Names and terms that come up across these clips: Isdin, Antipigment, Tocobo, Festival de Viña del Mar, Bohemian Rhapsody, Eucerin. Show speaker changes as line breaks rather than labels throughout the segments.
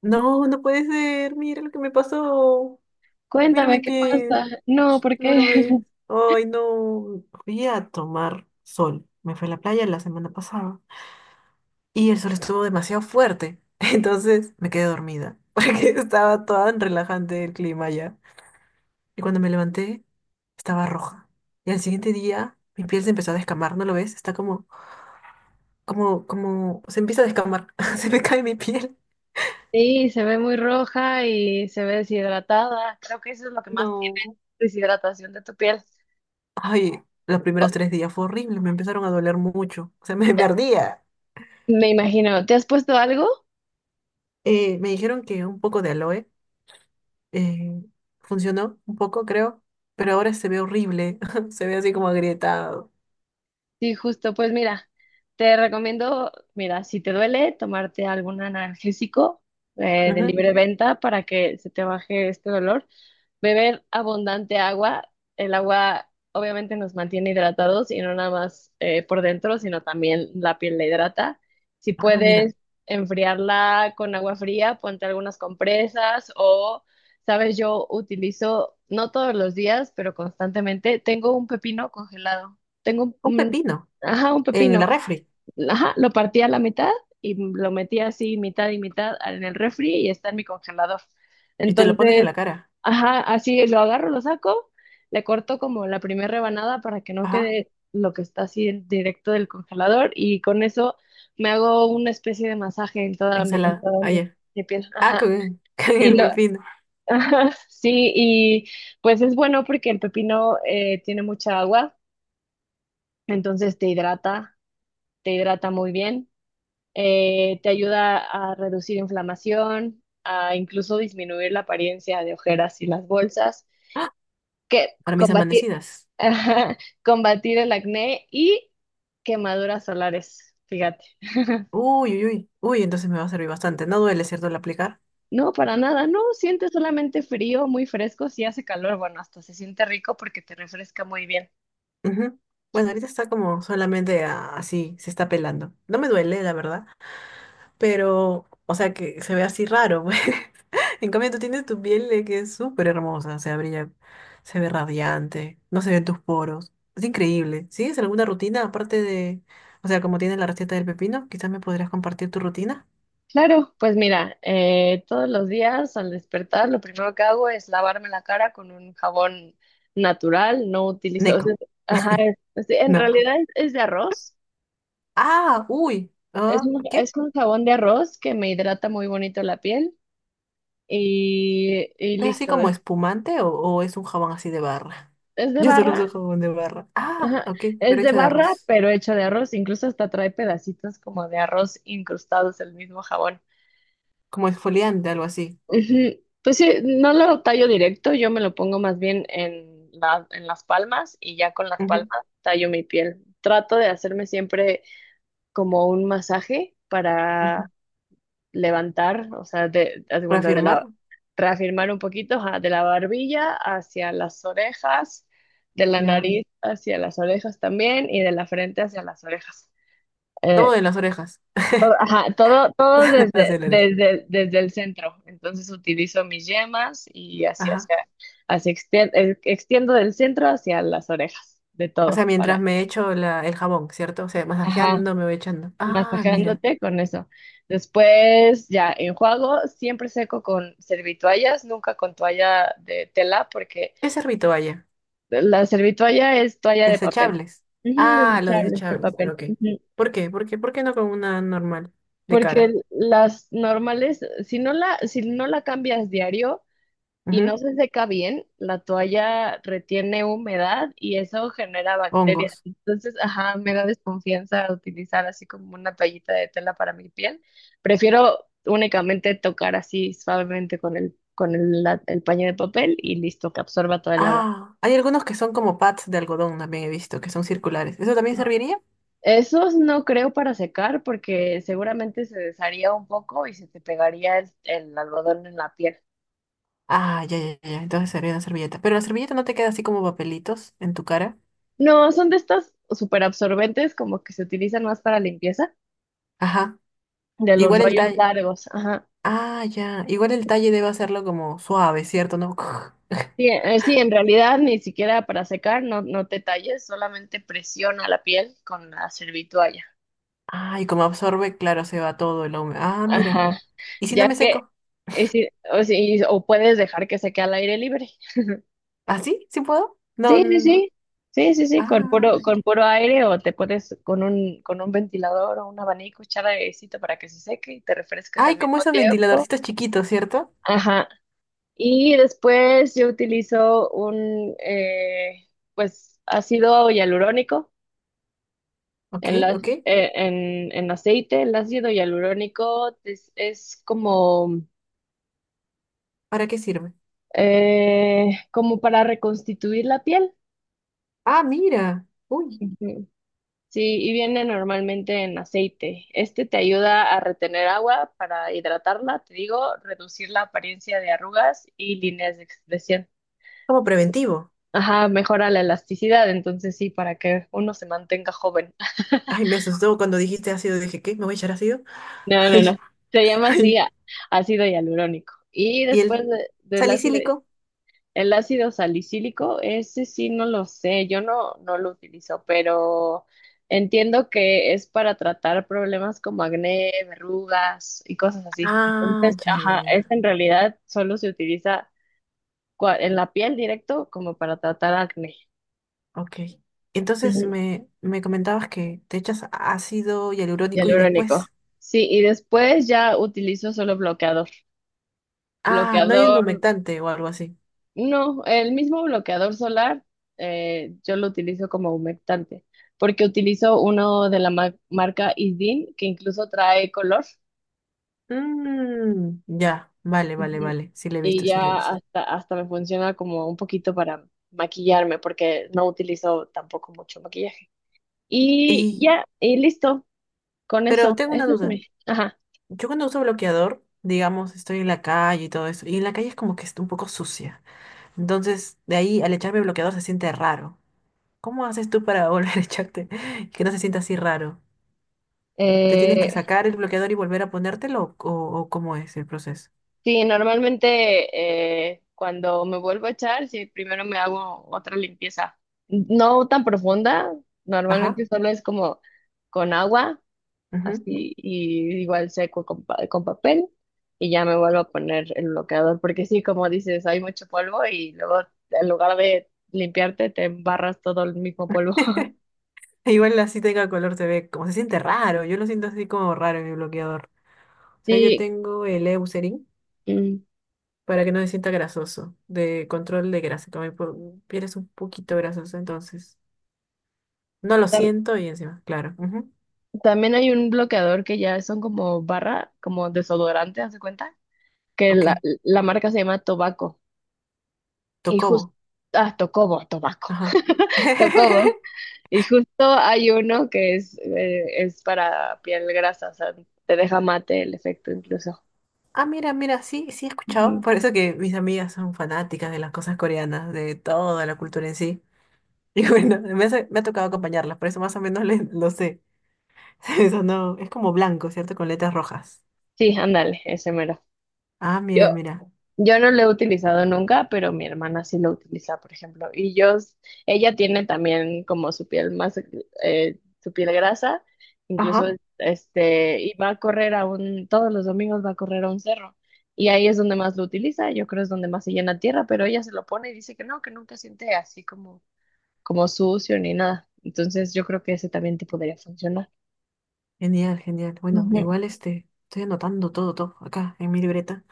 No, no puede ser. Mira lo que me pasó. Mira
Cuéntame
mi
qué
pie.
pasa. No,
No
porque
lo ves. Ay, no. Fui a tomar sol. Me fui a la playa la semana pasada. Y el sol estuvo demasiado fuerte. Entonces me quedé dormida. Porque estaba tan relajante el clima ya. Y cuando me levanté, estaba roja. Y al siguiente día, mi piel se empezó a descamar. ¿No lo ves? Está como, se empieza a descamar. Se me cae mi piel.
Sí, se ve muy roja y se ve deshidratada. Creo que eso es lo que más tiene,
No.
deshidratación de tu piel.
Ay, los primeros 3 días fue horrible, me empezaron a doler mucho, o sea, me ardía.
Me imagino, ¿te has puesto algo?
Me dijeron que un poco de aloe eh, funcionó un poco, creo, pero ahora se ve horrible, se ve así como agrietado.
Sí, justo, pues mira, te recomiendo, mira, si te duele, tomarte algún analgésico de
Ujú.
libre venta para que se te baje este dolor. Beber abundante agua. El agua obviamente nos mantiene hidratados y no nada más por dentro, sino también la piel la hidrata. Si
Ah, mira,
puedes enfriarla con agua fría, ponte algunas compresas o, sabes, yo utilizo, no todos los días, pero constantemente, tengo un pepino congelado. Tengo
un
un,
pepino
ajá, un
en la
pepino.
refri
Ajá, lo partí a la mitad y lo metí así mitad y mitad en el refri y está en mi congelador.
y te lo pones en
Entonces,
la cara.
ajá, así lo agarro, lo saco, le corto como la primera rebanada para que no
Ajá,
quede lo que está así directo del congelador y con eso me hago una especie de masaje en toda mi, en
ensalada,
toda mi,
ayer.
mi piel.
Ah,
Ajá.
con, con
Y
el
lo,
pepino
ajá, sí, y pues es bueno porque el pepino tiene mucha agua, entonces te hidrata muy bien. Te ayuda a reducir inflamación, a incluso disminuir la apariencia de ojeras y las bolsas, que
para mis
combatir,
amanecidas.
ajá, combatir el acné y quemaduras solares, fíjate.
Uy, uy, uy, uy, entonces me va a servir bastante. No duele, ¿cierto, al aplicar?
No, para nada, no, sientes solamente frío, muy fresco, si hace calor, bueno, hasta se siente rico porque te refresca muy bien.
Ujú. Bueno, ahorita está como solamente así, se está pelando. No me duele, la verdad, pero, o sea, que se ve así raro, pues. En cambio, tú tienes tu piel de que es súper hermosa, o sea, brilla, se ve radiante, no se ven tus poros. Es increíble. ¿Sigues alguna rutina aparte de, o sea, como tienes la receta del pepino, quizás me podrías compartir tu rutina?
Claro, pues mira, todos los días al despertar lo primero que hago es lavarme la cara con un jabón natural, no utilizo, o sea,
Neko.
ajá, en
No.
realidad es de arroz,
Ah, uy. Ah,
es
¿qué?
un jabón de arroz que me hidrata muy bonito la piel y
¿Es así
listo,
como espumante o es un jabón así de barra?
es de
Yo solo uso
barra,
jabón de barra. Ah,
ajá,
ok,
es
pero
de
hecho de
barra
arroz.
pero hecho de arroz, incluso hasta trae pedacitos como de arroz incrustados el mismo jabón.
Como exfoliante, algo así.
Ujú. Pues sí, no lo tallo directo, yo me lo pongo más bien en en las palmas y ya con las
Ujú,
palmas tallo mi piel. Trato de hacerme siempre como un masaje
ujú.
para levantar, o sea, de, haz de cuenta de
¿Reafirmar?
la, reafirmar un poquito, ajá, de la barbilla hacia las orejas, de la
Ya.
nariz hacia las orejas también y de la frente hacia las orejas.
Todo
Eh,
en las orejas.
todo, ajá, todo, todo desde,
Hacia la oreja.
desde, desde el centro. Entonces utilizo mis yemas y así
Ajá.
hacia, extiendo del centro hacia las orejas, de
O
todo,
sea, mientras
para,
me echo la, el jabón, ¿cierto? O sea,
ajá,
masajeando me voy echando. Ah, mira.
masajeándote con eso. Después ya enjuago, siempre seco con servitoallas, nunca con toalla de tela, porque
¿Qué servito vaya?
la servitoalla es toalla de papel.
Desechables.
Ujú,
Ah, los
desechable de
desechables.
papel.
Ok.
Ujú.
¿Por qué? ¿Por qué? ¿Por qué no con una normal de
Porque
cara?
las normales, si no la, si no la cambias diario, y no
Ujú.
se seca bien, la toalla retiene humedad y eso genera bacterias.
Hongos.
Entonces, ajá, me da desconfianza utilizar así como una toallita de tela para mi piel. Prefiero únicamente tocar así suavemente con el, el paño de papel y listo, que absorba todo el agua.
Ah, hay algunos que son como pads de algodón, también he visto, que son circulares. ¿Eso también serviría?
Esos no creo para secar porque seguramente se desharía un poco y se te pegaría el algodón en la piel.
Ah, ya, ya, ya, ya. Entonces serviría una servilleta. Pero la servilleta no te queda así como papelitos en tu cara.
No, son de estas súper absorbentes como que se utilizan más para limpieza
Ajá.
de los
Igual el
rollos
talle.
largos. Ajá.
Ah, ya. Igual el talle debe hacerlo como suave, ¿cierto? ¿No?
Sí, sí, en realidad ni siquiera para secar, no, no te talles, solamente presiona la piel con la servitualla.
Ah, y como absorbe, claro, se va todo el hombre. Ah, mira.
Ajá.
¿Y si no
Ya
me
que,
seco?
sí, o, sí, o puedes dejar que seque al aire libre.
¿Ah, sí? ¿Sí puedo? No.
Sí, sí,
n-
sí. Sí, sí, sí,
Ah, ya.
con puro aire o te pones con un ventilador o un abanico, echar airecito para que se seque y te refresques al
Ay, como
mismo
esos
tiempo.
ventiladorcitos chiquitos, ¿cierto?
Ajá. Y después yo utilizo un, pues, ácido hialurónico.
Ok,
En, la-
ok.
en aceite, el ácido hialurónico es como,
¿Para qué sirve?
como para reconstituir la piel.
Ah, mira. Uy,
Ujú. Sí, y viene normalmente en aceite. Este te ayuda a retener agua para hidratarla, te digo, reducir la apariencia de arrugas y líneas de expresión.
como preventivo.
Ajá, mejora la elasticidad, entonces sí, para que uno se mantenga joven.
Ay, me asustó cuando dijiste ácido. Dije, ¿qué? ¿Me voy a echar ácido?
No, no, no.
Ay,
Se llama así
ay.
ácido hialurónico. Y
Y
después
el
del ácido.
salicílico.
El ácido salicílico, ese sí no lo sé, yo no, no lo utilizo, pero entiendo que es para tratar problemas como acné, verrugas y cosas así.
Ah,
Entonces,
ya, ya, ya,
ajá, es
ya.
en realidad solo se utiliza en la piel directo como para tratar acné.
Ok. Entonces
Ujú.
me comentabas que te echas ácido hialurónico y
Hialurónico.
después.
Sí, y después ya utilizo solo bloqueador.
Ah, no hay un
Bloqueador.
humectante o algo así.
No, el mismo bloqueador solar, yo lo utilizo como humectante, porque utilizo uno de la marca Isdin, que incluso trae color.
Mmm, ya, vale, vale,
Ujú.
vale. Sí le he
Y
visto, sí le he
ya
visto.
hasta, hasta me funciona como un poquito para maquillarme, porque no utilizo tampoco mucho maquillaje. Y
Y,
ya, y listo, con
pero
eso.
tengo una
Ese es
duda.
Ajá.
Yo cuando uso bloqueador, digamos, estoy en la calle y todo eso, y en la calle es como que está un poco sucia. Entonces, de ahí al echarme bloqueador se siente raro. ¿Cómo haces tú para volver a echarte y que no se sienta así raro? ¿Te tienes que
eh,
sacar el bloqueador y volver a ponértelo o cómo es el proceso?
sí, normalmente cuando me vuelvo a echar, sí, primero me hago otra limpieza. No tan profunda,
Ajá.
normalmente solo es como con agua,
Ujú.
así, y igual seco con, con papel, y ya me vuelvo a poner el bloqueador, porque sí, como dices, hay mucho polvo y luego en lugar de limpiarte, te embarras todo el mismo polvo.
Igual así tenga color se ve como se siente raro. Yo lo siento así como raro en mi bloqueador. O sea, yo
Sí,
tengo el Eucerin
mm,
para que no se sienta grasoso, de control de grasa. Como mi piel es un poquito grasosa, entonces no lo
tam-
siento y encima, claro. Ujú.
también hay un bloqueador que ya son como barra, como desodorante, ¿haz de cuenta? Que la,
Ok,
la marca se llama Tobacco. Y justo,
Tocobo.
ah, Tocobo, Tobacco,
Ajá.
Tocobo. Y justo hay uno que es para piel grasa, o sea, te deja mate el efecto incluso.
Ah, mira, mira, sí, sí he escuchado.
Ujú.
Por eso que mis amigas son fanáticas de las cosas coreanas, de toda la cultura en sí. Y bueno, me, me ha tocado acompañarlas, por eso más o menos lo sé. Eso no, es como blanco, ¿cierto? Con letras rojas.
Sí, ándale, ese mero.
Ah,
Yo,
mira, mira.
Yo no lo he utilizado nunca, pero mi hermana sí lo utiliza, por ejemplo. Ella tiene también como su piel más, su piel grasa, incluso
Ajá.
este, y va a correr a un, todos los domingos va a correr a un cerro. Y ahí es donde más lo utiliza, yo creo es donde más se llena tierra, pero ella se lo pone y dice que no, que nunca siente así como, como sucio ni nada. Entonces yo creo que ese también te podría funcionar.
Genial, genial. Bueno,
Ujú.
igual este, estoy anotando todo, todo acá en mi libreta.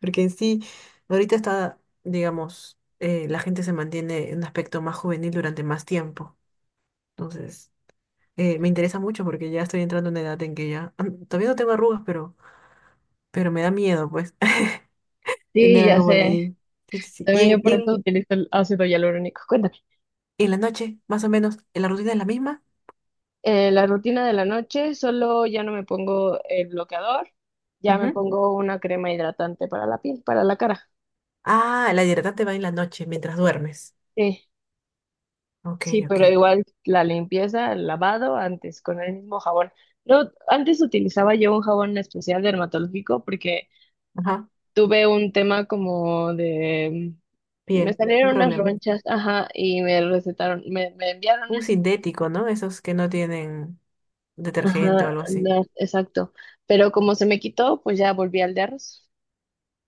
Porque en sí, ahorita está, digamos, la gente se mantiene en un aspecto más juvenil durante más tiempo. Entonces, me interesa mucho porque ya estoy entrando en una edad en que ya, todavía no tengo arrugas, pero me da miedo, pues,
Sí,
tener
ya
algo por
sé.
ahí. Sí, sí, sí.
También yo por eso utilizo el ácido hialurónico. Cuéntame.
Y en la noche, más o menos, ¿la rutina es la misma?
La rutina de la noche, solo ya no me pongo el bloqueador, ya me
Ujú.
pongo una crema hidratante para la piel, para la cara.
Ah, la hidratante va en la noche, mientras duermes.
Sí,
Ok,
sí,
ok.
pero igual la limpieza, el lavado antes con el mismo jabón. No, antes utilizaba yo un jabón especial dermatológico porque
Ajá,
tuve un tema como de... Me
piel, un
salieron unas
problema.
ronchas, ajá, y me recetaron, me enviaron
Un
ese.
sintético, ¿no? Esos que no tienen detergente o
Ajá,
algo así.
no, exacto. Pero como se me quitó, pues ya volví al de arroz.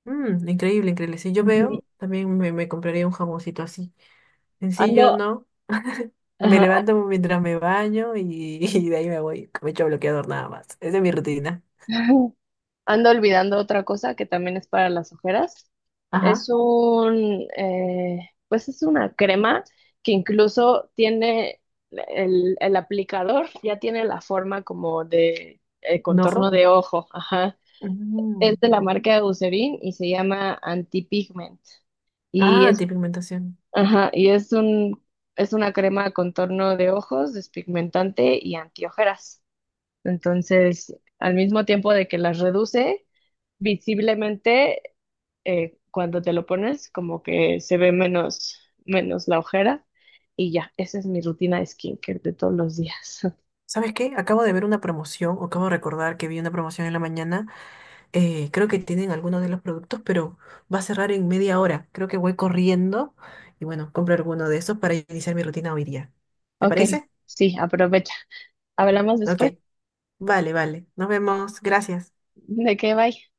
Mm, increíble, increíble. Si yo
Ujú.
veo, también me compraría un jaboncito así.
Ando,
Sencillo, ¿no? Me
Ajá.
levanto mientras me baño y, y de ahí me voy. Me echo bloqueador nada más. Esa es mi rutina.
Ando olvidando otra cosa que también es para las ojeras.
Ajá.
Es un, pues es una crema que incluso tiene el aplicador, ya tiene la forma como de
¿Un
contorno
ojo?
de ojo. Ajá. Es
Mm.
de la marca de Eucerin y se llama Antipigment. Y
Ah,
es,
antipigmentación.
ajá, y es una crema de contorno de ojos, despigmentante y antiojeras. Entonces, al mismo tiempo de que las reduce, visiblemente, cuando te lo pones como que se ve menos, menos la ojera y ya, esa es mi rutina de skincare de todos los días.
¿Sabes qué? Acabo de ver una promoción, o acabo de recordar que vi una promoción en la mañana. Creo que tienen algunos de los productos, pero va a cerrar en 1/2 hora. Creo que voy corriendo y bueno, compro alguno de esos para iniciar mi rutina hoy día. ¿Te
Ok,
parece?
sí, aprovecha. Hablamos
Ok.
después.
Vale, vale. Nos vemos. Gracias.
¿De qué? Bye.